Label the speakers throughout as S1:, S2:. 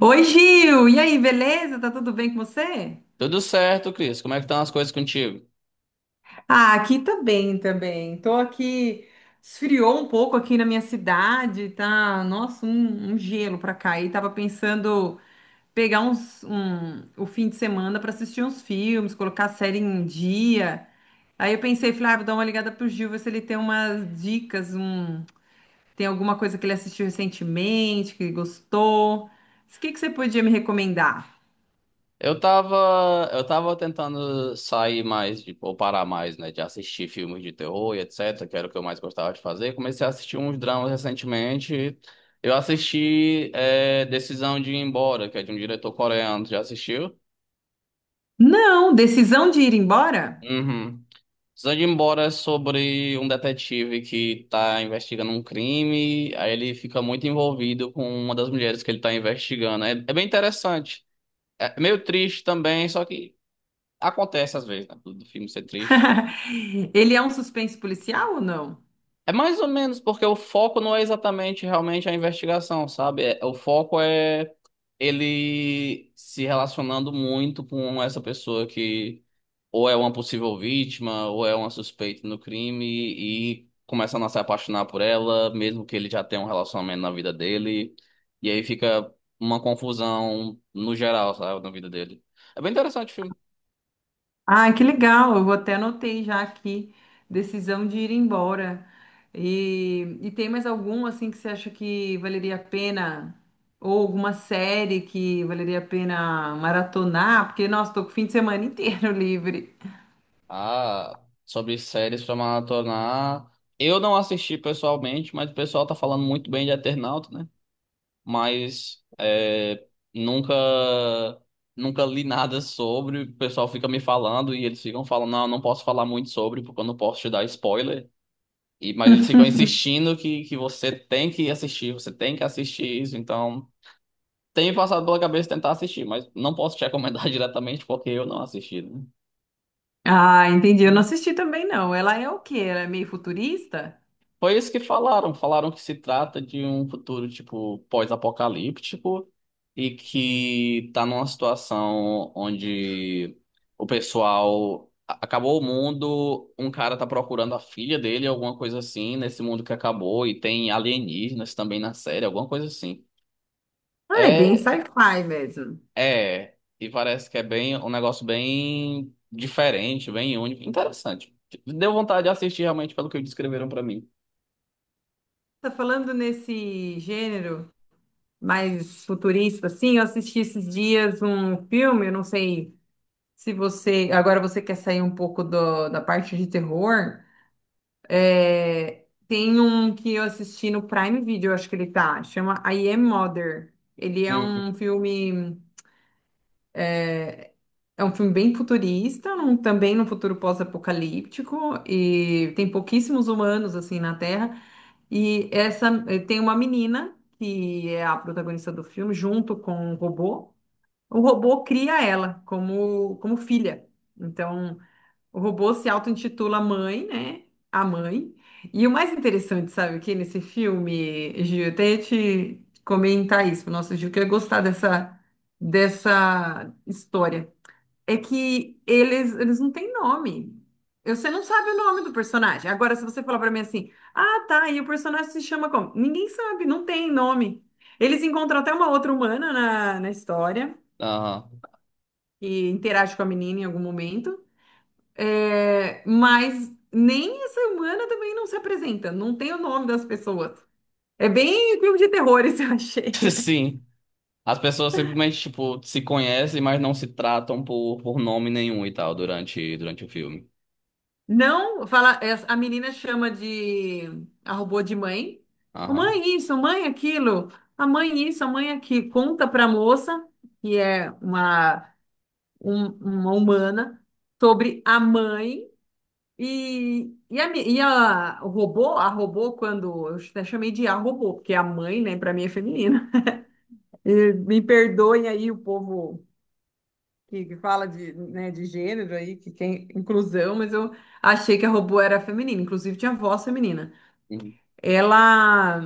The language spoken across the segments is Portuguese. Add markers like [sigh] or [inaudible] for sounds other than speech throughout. S1: Oi, Gil! E aí, beleza? Tá tudo bem com você?
S2: Tudo certo, Cris. Como é que estão as coisas contigo?
S1: Ah, aqui também, também. Tô aqui, esfriou um pouco aqui na minha cidade, tá? Nossa, um gelo pra cá. E tava pensando pegar o fim de semana pra assistir uns filmes, colocar a série em dia. Aí eu pensei, falei, ah, vou dar uma ligada pro Gil, ver se ele tem umas dicas, tem alguma coisa que ele assistiu recentemente, que ele gostou. O que que você podia me recomendar?
S2: Eu tava tentando sair mais, ou parar mais, né, de assistir filmes de terror e etc, que era o que eu mais gostava de fazer. Comecei a assistir uns dramas recentemente. Eu assisti é, Decisão de ir embora, que é de um diretor coreano. Já assistiu?
S1: Não, decisão de ir embora?
S2: Uhum. Decisão de ir embora é sobre um detetive que tá investigando um crime, aí ele fica muito envolvido com uma das mulheres que ele tá investigando. É, é bem interessante. É meio triste também, só que acontece às vezes, né, do filme ser triste.
S1: [laughs] Ele é um suspense policial ou não?
S2: É mais ou menos porque o foco não é exatamente realmente a investigação, sabe? O foco é ele se relacionando muito com essa pessoa que ou é uma possível vítima, ou é uma suspeita no crime e começando a se apaixonar por ela, mesmo que ele já tenha um relacionamento na vida dele. E aí fica uma confusão no geral, sabe? Na vida dele. É bem interessante o filme.
S1: Ah, que legal! Eu até anotei já aqui, decisão de ir embora. E tem mais algum assim que você acha que valeria a pena? Ou alguma série que valeria a pena maratonar? Porque, nossa, tô com o fim de semana inteiro [laughs] livre.
S2: Ah, sobre séries pra maratonar. Eu não assisti pessoalmente, mas o pessoal tá falando muito bem de Eternauta, né? Mas é, nunca nunca li nada sobre. O pessoal fica me falando e eles ficam falando, não, eu não posso falar muito sobre porque eu não posso te dar spoiler. E, mas eles ficam insistindo que você tem que assistir, você tem que assistir isso. Então, tem me passado pela cabeça tentar assistir, mas não posso te recomendar [laughs] diretamente porque eu não assisti, né?
S1: Ah, entendi. Eu não assisti também, não. Ela é o quê? Ela é meio futurista?
S2: Foi isso que falaram. Falaram que se trata de um futuro, tipo, pós-apocalíptico e que tá numa situação onde o pessoal acabou o mundo, um cara tá procurando a filha dele, alguma coisa assim, nesse mundo que acabou, e tem alienígenas também na série, alguma coisa assim.
S1: Ah, é bem
S2: É,
S1: sci-fi mesmo.
S2: e parece que é bem um negócio bem diferente, bem único, interessante. Deu vontade de assistir realmente pelo que descreveram pra mim.
S1: Tá falando nesse gênero? Mais futurista, assim. Eu assisti esses dias um filme, eu não sei se você. Agora você quer sair um pouco da parte de terror. É, tem um que eu assisti no Prime Video, acho que ele tá, chama I Am Mother. Ele é
S2: Hum.
S1: um filme. É um filme bem futurista, também num futuro pós-apocalíptico, e tem pouquíssimos humanos assim na Terra. E essa tem uma menina que é a protagonista do filme, junto com um robô. O robô cria ela como filha. Então, o robô se auto-intitula mãe, né? A mãe. E o mais interessante, sabe, o que nesse filme, Gil, eu até ia te comentar isso, nossa, Gil, que eu ia gostar dessa história. É que eles não têm nome. Você não sabe o nome do personagem. Agora, se você falar pra mim assim, ah, tá, e o personagem se chama como? Ninguém sabe, não tem nome. Eles encontram até uma outra humana na história
S2: Aham.
S1: que interage com a menina em algum momento, é, mas nem essa humana também não se apresenta, não tem o nome das pessoas. É bem filme de terror, [laughs] isso eu achei.
S2: [laughs] Sim. As pessoas simplesmente, tipo, se conhecem, mas não se tratam por nome nenhum e tal durante, durante o filme.
S1: Não, fala, a menina chama de a robô de mãe. "Ô,
S2: Aham.
S1: mãe isso, mãe aquilo, a mãe isso, a mãe aquilo." Conta para a moça, que é uma, uma humana, sobre a mãe. E, e a robô, quando eu até chamei de a robô, porque a mãe, né, para mim é feminina. E me perdoem aí o povo que fala de, né, de gênero aí, que tem inclusão, mas eu achei que a robô era feminina, inclusive tinha voz feminina.
S2: Uhum.
S1: Ela,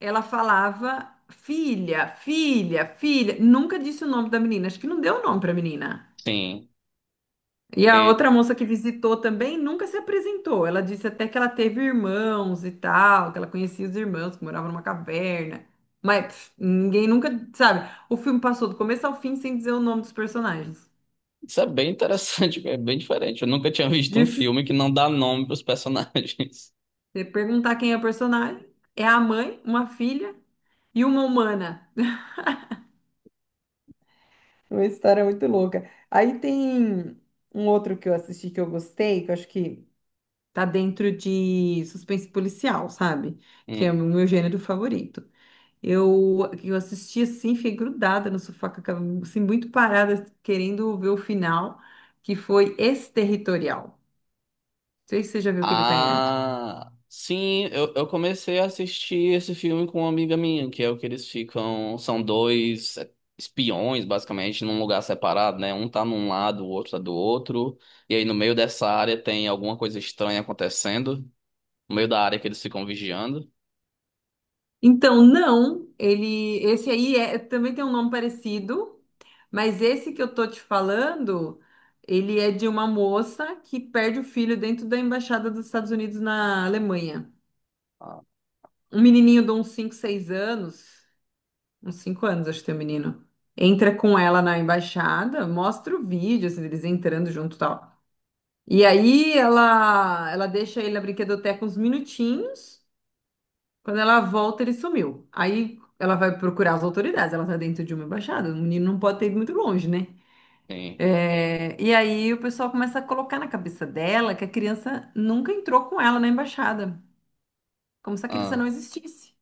S1: ela falava filha, filha, filha, nunca disse o nome da menina, acho que não deu o nome para menina.
S2: Sim.
S1: E a
S2: E
S1: outra moça que visitou também nunca se apresentou. Ela disse até que ela teve irmãos e tal, que ela conhecia os irmãos, que moravam numa caverna. Mas pff, ninguém nunca, sabe? O filme passou do começo ao fim sem dizer o nome dos personagens.
S2: isso é bem interessante, [laughs] é bem diferente. Eu nunca tinha visto
S1: E
S2: um
S1: f-
S2: filme que não dá nome pros personagens.
S1: Você perguntar quem é o personagem, é a mãe, uma filha e uma humana. [laughs] Uma história muito louca. Aí tem um outro que eu assisti que eu gostei, que eu acho que tá dentro de suspense policial, sabe?
S2: [laughs]
S1: Que é o
S2: Hum.
S1: meu gênero favorito. Eu assisti assim, fiquei grudada no sofá, com aquela- assim, muito parada, querendo ver o final, que foi Exterritorial. Não sei se você já viu que ele tá em... É.
S2: Ah, sim, eu comecei a assistir esse filme com uma amiga minha, que é o que eles ficam. São dois é, espiões, basicamente, num lugar separado, né? Um tá num lado, o outro tá do outro. E aí no meio dessa área tem alguma coisa estranha acontecendo. No meio da área que eles ficam vigiando.
S1: Então, não, ele, esse aí é, também tem um nome parecido, mas esse que eu tô te falando, ele é de uma moça que perde o filho dentro da embaixada dos Estados Unidos na Alemanha.
S2: Ah,
S1: Um menininho de uns 5, 6 anos. Uns cinco anos, acho que tem o menino. Entra com ela na embaixada, mostra o vídeo, assim, deles entrando junto e tal. E aí ela deixa ele na brinquedoteca uns minutinhos. Quando ela volta, ele sumiu. Aí ela vai procurar as autoridades. Ela tá dentro de uma embaixada. O menino não pode ter ido muito longe, né?
S2: sim.
S1: É, e aí o pessoal começa a colocar na cabeça dela que a criança nunca entrou com ela na embaixada. Como se a criança não
S2: Ah,
S1: existisse.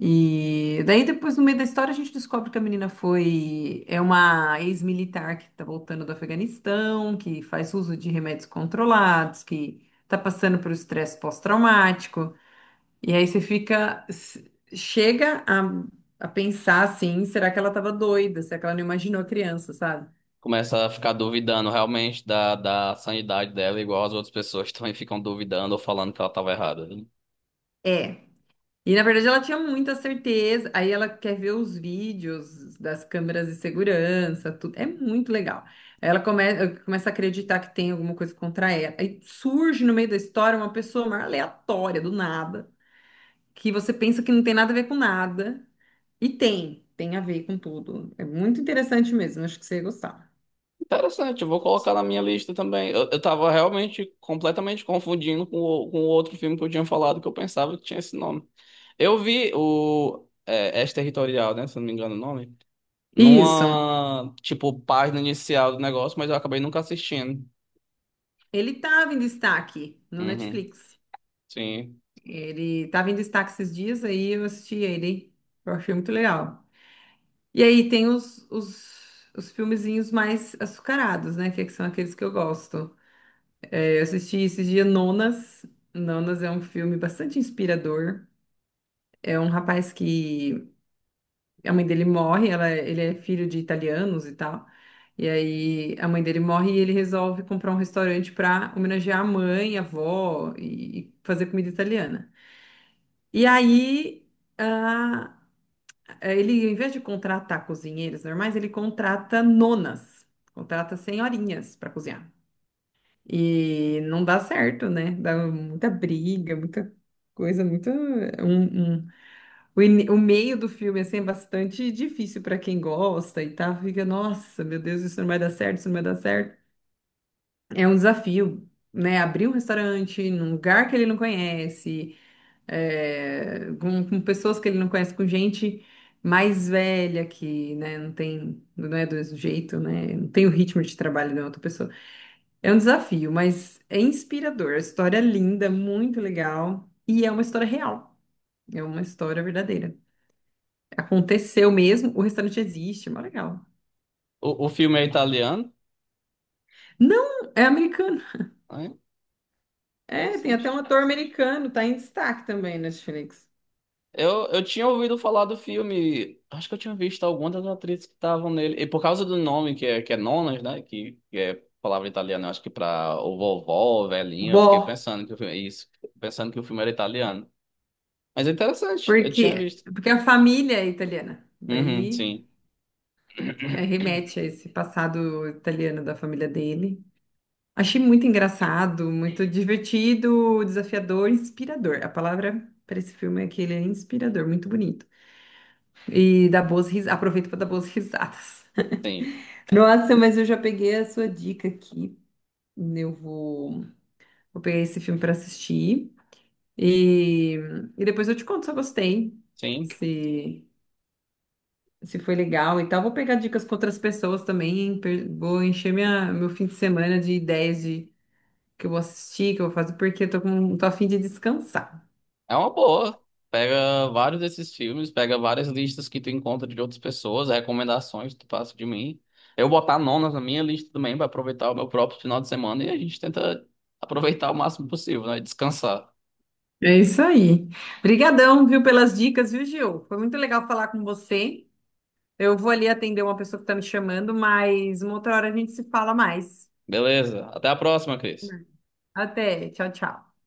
S1: E daí depois, no meio da história, a gente descobre que a menina foi uma ex-militar que está voltando do Afeganistão, que faz uso de remédios controlados, que está passando por estresse pós-traumático. E aí você chega a pensar assim, será que ela estava doida? Será que ela não imaginou a criança, sabe?
S2: começa a ficar duvidando realmente da, da sanidade dela, igual as outras pessoas [laughs] também ficam duvidando ou falando que ela tava errada. Né?
S1: É. E na verdade ela tinha muita certeza. Aí ela quer ver os vídeos das câmeras de segurança, tudo. É muito legal. Aí ela começa a acreditar que tem alguma coisa contra ela. Aí surge no meio da história uma pessoa mais aleatória, do nada, que você pensa que não tem nada a ver com nada. Tem a ver com tudo. É muito interessante mesmo, acho que você ia gostar.
S2: Interessante, eu vou colocar na minha lista também. Eu tava realmente completamente confundindo com o outro filme que eu tinha falado, que eu pensava que tinha esse nome. Eu vi o é, territorial né? Se eu não me engano o nome.
S1: Isso.
S2: Numa, tipo, página inicial do negócio, mas eu acabei nunca assistindo.
S1: Ele estava em destaque no
S2: Uhum,
S1: Netflix.
S2: sim.
S1: Ele estava em destaque esses dias, aí eu assisti ele. Eu achei muito legal. E aí tem os filmezinhos mais açucarados, né? Que são aqueles que eu gosto. É, eu assisti esse dia Nonas. Nonas é um filme bastante inspirador. É um rapaz que a mãe dele morre, ele é filho de italianos e tal. E aí a mãe dele morre e ele resolve comprar um restaurante para homenagear a mãe, a avó e fazer comida italiana. E aí ele, em vez de contratar cozinheiros normais, ele contrata nonas, contrata senhorinhas para cozinhar. E não dá certo, né? Dá muita briga, muita coisa, muita. um- um- o meio do filme assim, é bastante difícil para quem gosta e tá, fica, nossa, meu Deus, isso não vai dar certo, isso não vai dar certo. É um desafio, né? Abrir um restaurante num lugar que ele não conhece é, com pessoas que ele não conhece, com gente mais velha que, né, não tem, não é do mesmo jeito, né, não tem o ritmo de trabalho de outra pessoa. É um desafio, mas é inspirador. A história é linda, muito legal e é uma história real. É uma história verdadeira. Aconteceu mesmo, o restaurante existe, é mó legal.
S2: O filme é italiano,
S1: Não, é americano.
S2: né?
S1: É, tem até
S2: Interessante.
S1: um ator americano, tá em destaque também na Netflix.
S2: Eu tinha ouvido falar do filme, acho que eu tinha visto algumas das atrizes que estavam nele. E por causa do nome, que é Nonas, né? Que é palavra italiana, eu acho que pra o vovó, velhinha, eu fiquei
S1: Bom,
S2: pensando que o filme, isso, pensando que o filme era italiano. Mas é interessante, eu tinha visto.
S1: porque a família é italiana.
S2: Uhum,
S1: Daí
S2: sim,
S1: é, remete a esse passado italiano da família dele. Achei muito engraçado, muito divertido, desafiador, inspirador. A palavra para esse filme é que ele é inspirador, muito bonito. E dá boas risadas. Aproveito para dar boas risadas.
S2: sim,
S1: [laughs] Nossa, mas eu já peguei a sua dica aqui. Eu vou, vou pegar esse filme para assistir. E, e depois eu te conto se eu gostei.
S2: sim.
S1: Se se foi legal e tal. Vou pegar dicas com outras pessoas também. Vou encher meu fim de semana de ideias de que eu vou assistir, que eu vou fazer, porque eu tô a fim de descansar.
S2: É uma boa. Pega vários desses filmes, pega várias listas que tu encontra de outras pessoas, recomendações que tu passa de mim. Eu botar nonas na minha lista também pra aproveitar o meu próprio final de semana e a gente tenta aproveitar o máximo possível, né? Descansar.
S1: É isso aí. Obrigadão, viu, pelas dicas, viu, Gil? Foi muito legal falar com você. Eu vou ali atender uma pessoa que tá me chamando, mas uma outra hora a gente se fala mais.
S2: Beleza. Até a próxima, Cris.
S1: Até, tchau, tchau.